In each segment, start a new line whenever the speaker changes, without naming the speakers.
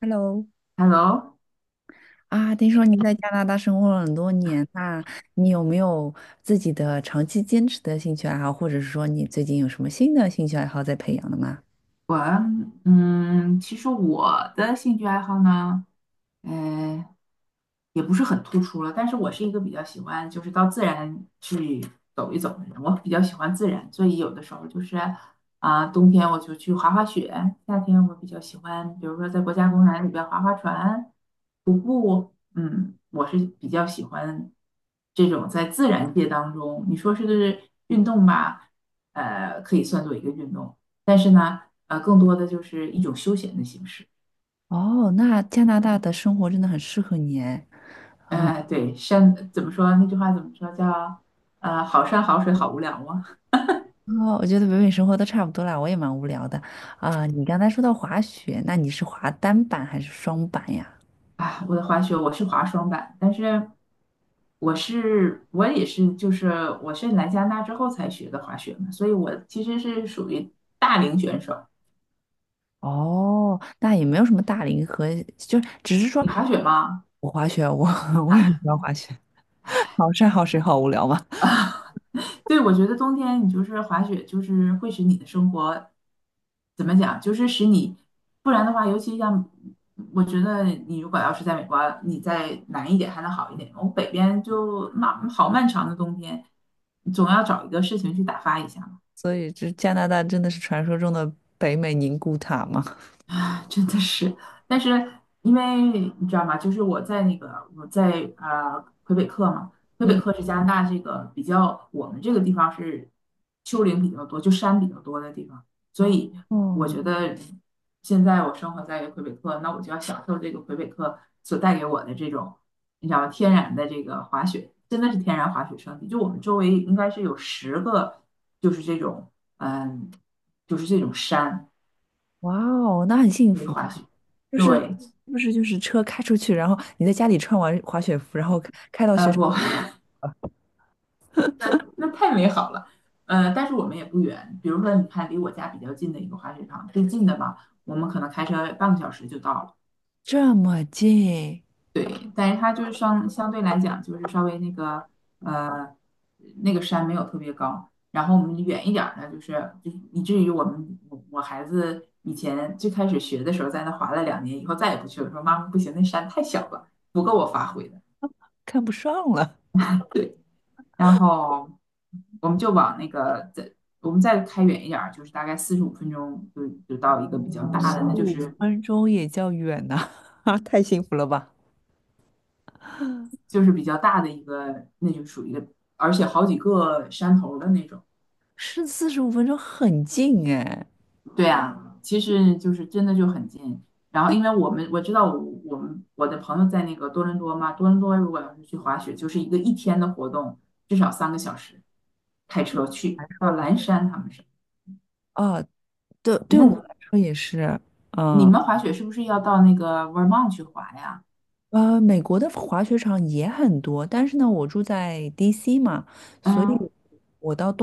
Hello，
Hello，
听说你在加拿大生活了很多年，那你有没有自己的长期坚持的兴趣爱好，或者是说你最近有什么新的兴趣爱好在培养的吗？
我其实我的兴趣爱好呢，呃，也不是很突出了，但是我是一个比较喜欢就是到自然去走一走的人。我比较喜欢自然，所以有的时候就是冬天我就去滑滑雪，夏天我比较喜欢，比如说在国家公园里边划划船、徒步。嗯，我是比较喜欢这种在自然界当中，你说是运动吧，可以算作一个运动。但是呢，更多的就是一种休闲的形式。
哦，那加拿大的生活真的很适合你哎。
对，山怎么说？那句话怎么说？叫好山好水好无聊吗？
哦，我觉得北美生活都差不多啦，我也蛮无聊的。啊、你刚才说到滑雪，那你是滑单板还是双板呀？
啊，我的滑雪我是滑双板，但是我是我也是就是我是来加拿大之后才学的滑雪嘛，所以我其实是属于大龄选手。
哦，那也没有什么大龄和，就是只是说
你滑雪吗？
我滑雪，我 我也很
啊，
喜欢滑雪，好山好水好无聊嘛。
对，我觉得冬天你就是滑雪，就是会使你的生活怎么讲，就是使你。不然的话，尤其像我觉得你如果要是在美国，你在南一点还能好一点，我北边就那好漫长的冬天，总要找一个事情去打发一下。
所以这加拿大真的是传说中的北美宁古塔吗？
真的是，但是因为你知道吗？就是我在魁北克嘛。魁北
嗯，
克是加拿大这个比较，我们这个地方是丘陵比较多，就山比较多的地方。所
哦
以我
哦，
觉得现在我生活在魁北克，那我就要享受这个魁北克所带给我的这种，你知道吗？天然的这个滑雪，真的是天然滑雪胜地。就我们周围应该是有10个，就是这种嗯，就是这种山
哇哦，那很幸
可以
福啊！
滑雪。
就是
对，
是不是就是车开出去，然后你在家里穿完滑雪服，然后开到雪场，
不，那太美好了。但是我们也不远，比如说你看离我家比较近的一个滑雪场，最近的吧，我们可能开车半个小时就到了。
这么近，
对，但是它就是相对来讲，就是稍微呃那个山没有特别高。然后我们远一点儿呢，就是以至于我们我孩子以前最开始学的时候，在那滑了2年，以后再也不去了，说妈妈不行，那山太小了，不够我发挥的。
看不上了，
对。然后我们就往那个再我们再开远一点儿，就是大概45分钟就到一个比较大的，那就
五
是
分钟也叫远呐、啊，太幸福了吧！
就是比较大的一个，那就属于一个，而且好几个山头儿的那种。
是45分钟很近哎，
对啊，其实就是真的就很近。然后因为我们我知道我我们我的朋友在那个多伦多嘛。多伦多如果要是去滑雪，就是一个一天的活动，至少三个小时，开车去到蓝山他们是。
啊，对，对我们来
那
说也是，
你
嗯。
们滑雪是不是要到那个 Vermont 去滑呀？
美国的滑雪场也很多，但是呢，我住在 DC 嘛，所
嗯，
以。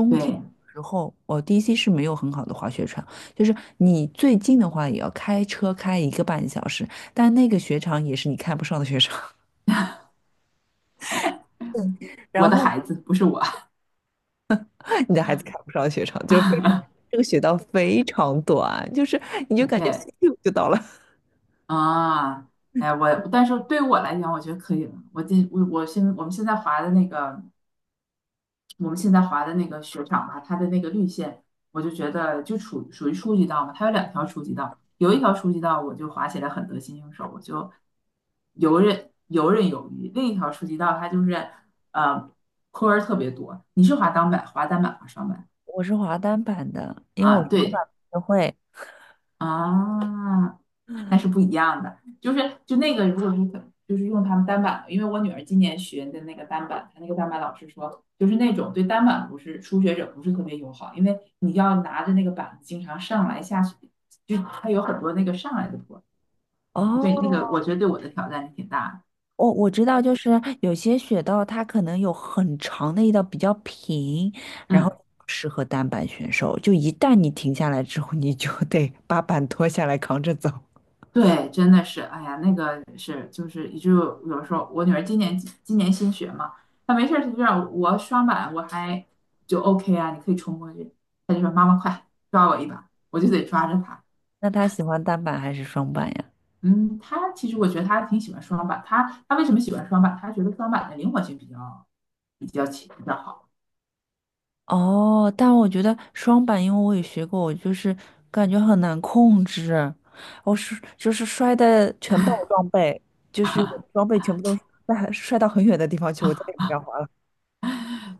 对，
时候，哦，DC 是没有很好的滑雪场，就是你最近的话也要开车开1个半小时，但那个雪场也是你看不上的雪场，
我
然
的
后
孩子不是我。
你的孩子看不上的雪场，就是非常这个雪道非常短，就是你就感觉 咻
OK，
就到了。
啊，哎呀但是对于我来讲，我觉得可以了。我今我我现我们现在划的那个，我们现在划的那个雪场吧，它的那个绿线，我就觉得就属于初级道嘛。它有2条初级道，有一条初级道我就滑起来很得心应手，我就游刃有余。另一条初级道它就是呃坡儿特别多。你是滑单板、滑单板、滑双板
我是滑单板的，因为我
啊？
双
对。
板不会。
啊，那是不一样的。就是就那个，如果是可就是用他们单板的，因为我女儿今年学的那个单板，她那个单板老师说，就是那种对单板不是初学者不是特别友好，因为你要拿着那个板子经常上来下去，就它有很多那个上来的坡。嗯，对，那
哦，
个我觉得对我的挑战是挺大的。
我知道，就是有些雪道它可能有很长的一道比较平，然后
嗯。
适合单板选手。就一旦你停下来之后，你就得 把板脱下来扛着走。
对，真的是，哎呀，那个是，就是就有时候我女儿今年新学嘛，她没事儿她就让我刷碗，我还就 OK 啊，你可以冲过去，她就说妈妈快抓我一把，我就得抓着她。
那他喜欢单板还是双板呀？
嗯，她其实我觉得她挺喜欢双板。她为什么喜欢双板？她觉得双板的灵活性比较强，比较好。
哦，但我觉得双板，因为我也学过，我就是感觉很难控制，我是就是摔的全爆装备，就是我装备全部都摔到很远的地方去，我再也不敢滑了。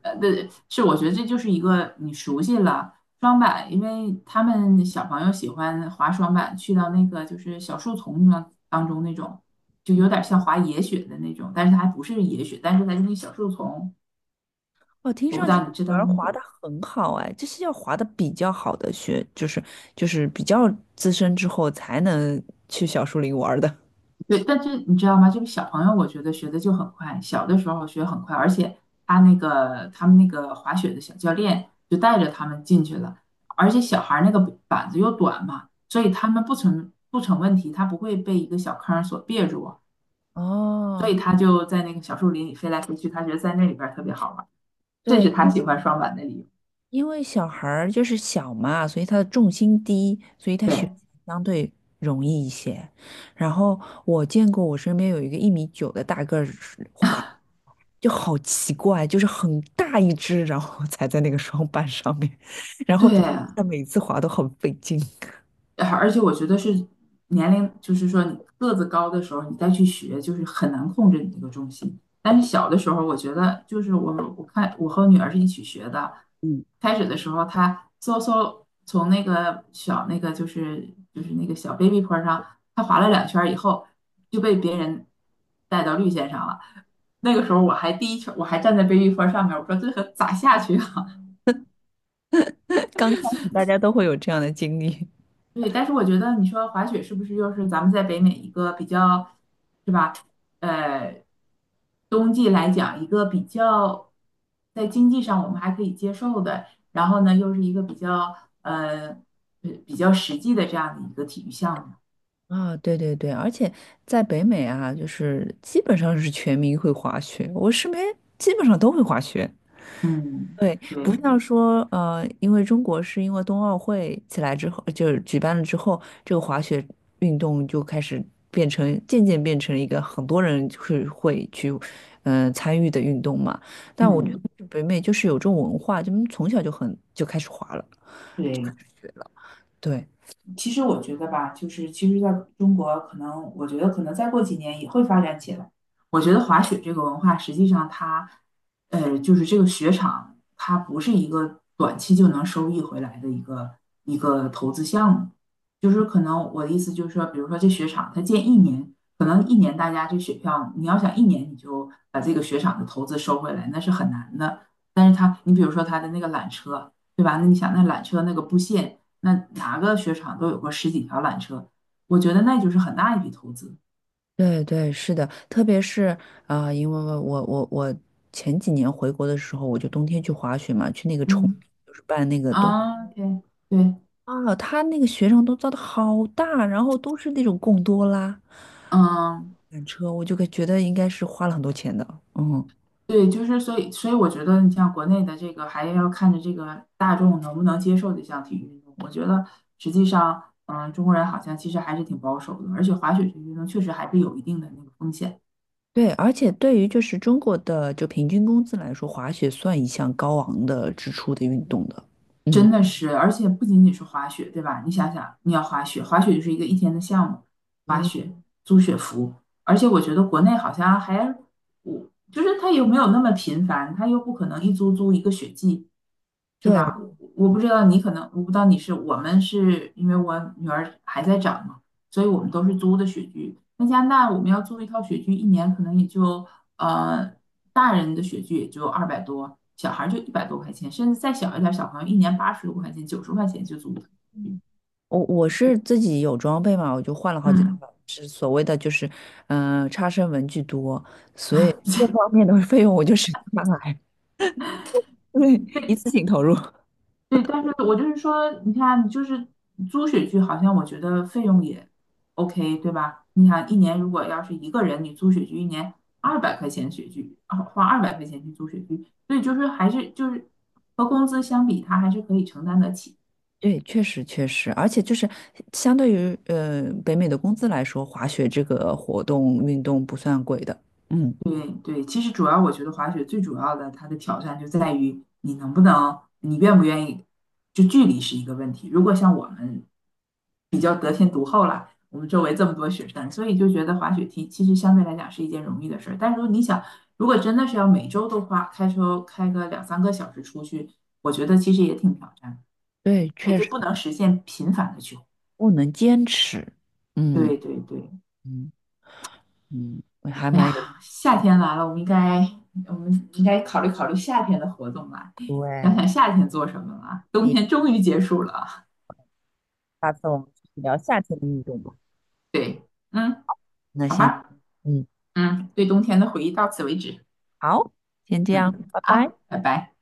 对，是我觉得这就是一个你熟悉了双板。因为他们小朋友喜欢滑双板，去到那个就是小树丛当中那种，就有点像滑野雪的那种，但是它还不是野雪，但是它就是小树丛。
哦，听
我不
上
知
去
道你知
女
道
儿
那
滑的
种。
很好哎，这是要滑的比较好的学，就是比较资深之后才能去小树林玩儿的。
对，但是你知道吗？这个小朋友，我觉得学的就很快，小的时候学很快。而且他们那个滑雪的小教练就带着他们进去了，而且小孩儿那个板子又短嘛，所以他们不成问题。他不会被一个小坑儿所别住，所
哦，
以他就在那个小树林里飞来飞去，他觉得在那里边儿特别好玩儿。这
对，
是他喜欢双板的理由。
因为小孩儿就是小嘛，所以他的重心低，所以他学
对
习相对容易一些。然后我见过我身边有一个1米9的大个儿滑，就好奇怪，就是很大一只，然后 踩在那个双板上面，然后
对，
就他每次滑都很费劲。
而且我觉得是年龄，就是说你个子高的时候，你再去学，就是很难控制你这个重心。但是小的时候，我觉得就是我看我和我女儿是一起学的。开始的时候她嗖嗖从那个小那个就是那个小 baby 坡上，她滑了2圈儿以后就被别人带到绿线上了。那个时候我还第一圈，我还站在 baby 坡上面，我说这可咋下去啊？
刚开始大家都会有这样的经历。
对，但是我觉得你说滑雪是不是又是咱们在北美一个比较，是吧？呃，冬季来讲一个比较在经济上我们还可以接受的，然后呢又是一个比较呃比较实际的这样的一个体育项目。
啊，对对对，而且在北美啊，就是基本上是全民会滑雪，我身边基本上都会滑雪。
嗯，
对，
对，
不像说因为中国是因为冬奥会起来之后，就是举办了之后，这个滑雪运动就开始渐渐变成一个很多人就是会去参与的运动嘛。但我觉
嗯。
得北美就是有这种文化，就从小就很就开始滑了。
对，
对了。对
其实我觉得吧，就是其实在中国，可能我觉得可能再过几年也会发展起来。我觉得滑雪这个文化，实际上它，就是这个雪场，它不是一个短期就能收益回来的一个投资项目。就是可能我的意思就是说，比如说这雪场，它建一年，可能一年大家这雪票，你要想一年你就把这个雪场的投资收回来，那是很难的。但是它，你比如说它的那个缆车，对吧？那你想那缆车那个布线。那哪个雪场都有过十几条缆车，我觉得那就是很大一笔投资。
对对，是的，特别是因为我前几年回国的时候，我就冬天去滑雪嘛，去那个崇，
嗯，
就是办那个冬
啊，对对，
啊，他那个雪场都造的好大，然后都是那种贡多拉
嗯，
缆车，我就会觉得应该是花了很多钱的，嗯，
对，就是所以，所以我觉得你像国内的这个，还要看着这个大众能不能接受这项体育运动。我觉得实际上，中国人好像其实还是挺保守的，而且滑雪这个运动确实还是有一定的那个风险。
对，而且对于就是中国的就平均工资来说，滑雪算一项高昂的支出的运动的，嗯
真的是，而且不仅仅是滑雪，对吧？你想想，你要滑雪，滑雪就是一个一天的项目，滑
嗯，
雪、租雪服。而且我觉得国内好像还，我就是它又没有那么频繁，它又不可能一租租一个雪季，是
对。
吧？我不知道你可能，我不知道你是，我们是因为我女儿还在长嘛，所以我们都是租的雪具。那加拿大我们要租一套雪具，一年可能也就。呃，大人的雪具也就200多，小孩儿就100多块钱，甚至再小一点儿，小朋友一年80多块钱、90块钱就租的。
我是自己有装备嘛，我就换了好几套，
嗯，
是所谓的就是，嗯，差生文具多，所以这方面的 费用我就省下来，对，一次性投入。
对，但是我就是说，你看，就是租雪具，好像我觉得费用也 OK，对吧？你想一年如果要是一个人，你租雪具一年200块钱雪具，啊花二百块钱去租雪具，所以就是还是就是和工资相比，他还是可以承担得起。
对，确实确实，而且就是相对于北美的工资来说，滑雪这个活动运动不算贵的。嗯，
对对，其实主要我觉得滑雪最主要的它的挑战就在于你能不能，你愿不愿意，就距离是一个问题。如果像我们周围这么多雪山，所以就觉得滑雪题其实相对来讲是一件容易的事儿。但如果你想，如果真的是要每周都花开车开个2、3个小时出去，我觉得其实也挺挑战，
对，
也
确
就
实
不能实现频繁的去滑。
不能坚持。嗯
对对对，
嗯嗯，我还
哎
蛮有。
呀，夏天来了，我们应该考虑考虑夏天的活动啦，想
对，
想夏天做什么啦。
所
冬
以
天终于结束了。
下次我们继续聊夏天的运动吧。
对，嗯，
那
好
先。
吧，
嗯。
嗯，对冬天的回忆到此为止。
好，先这样，
嗯，
拜拜。
啊，拜拜。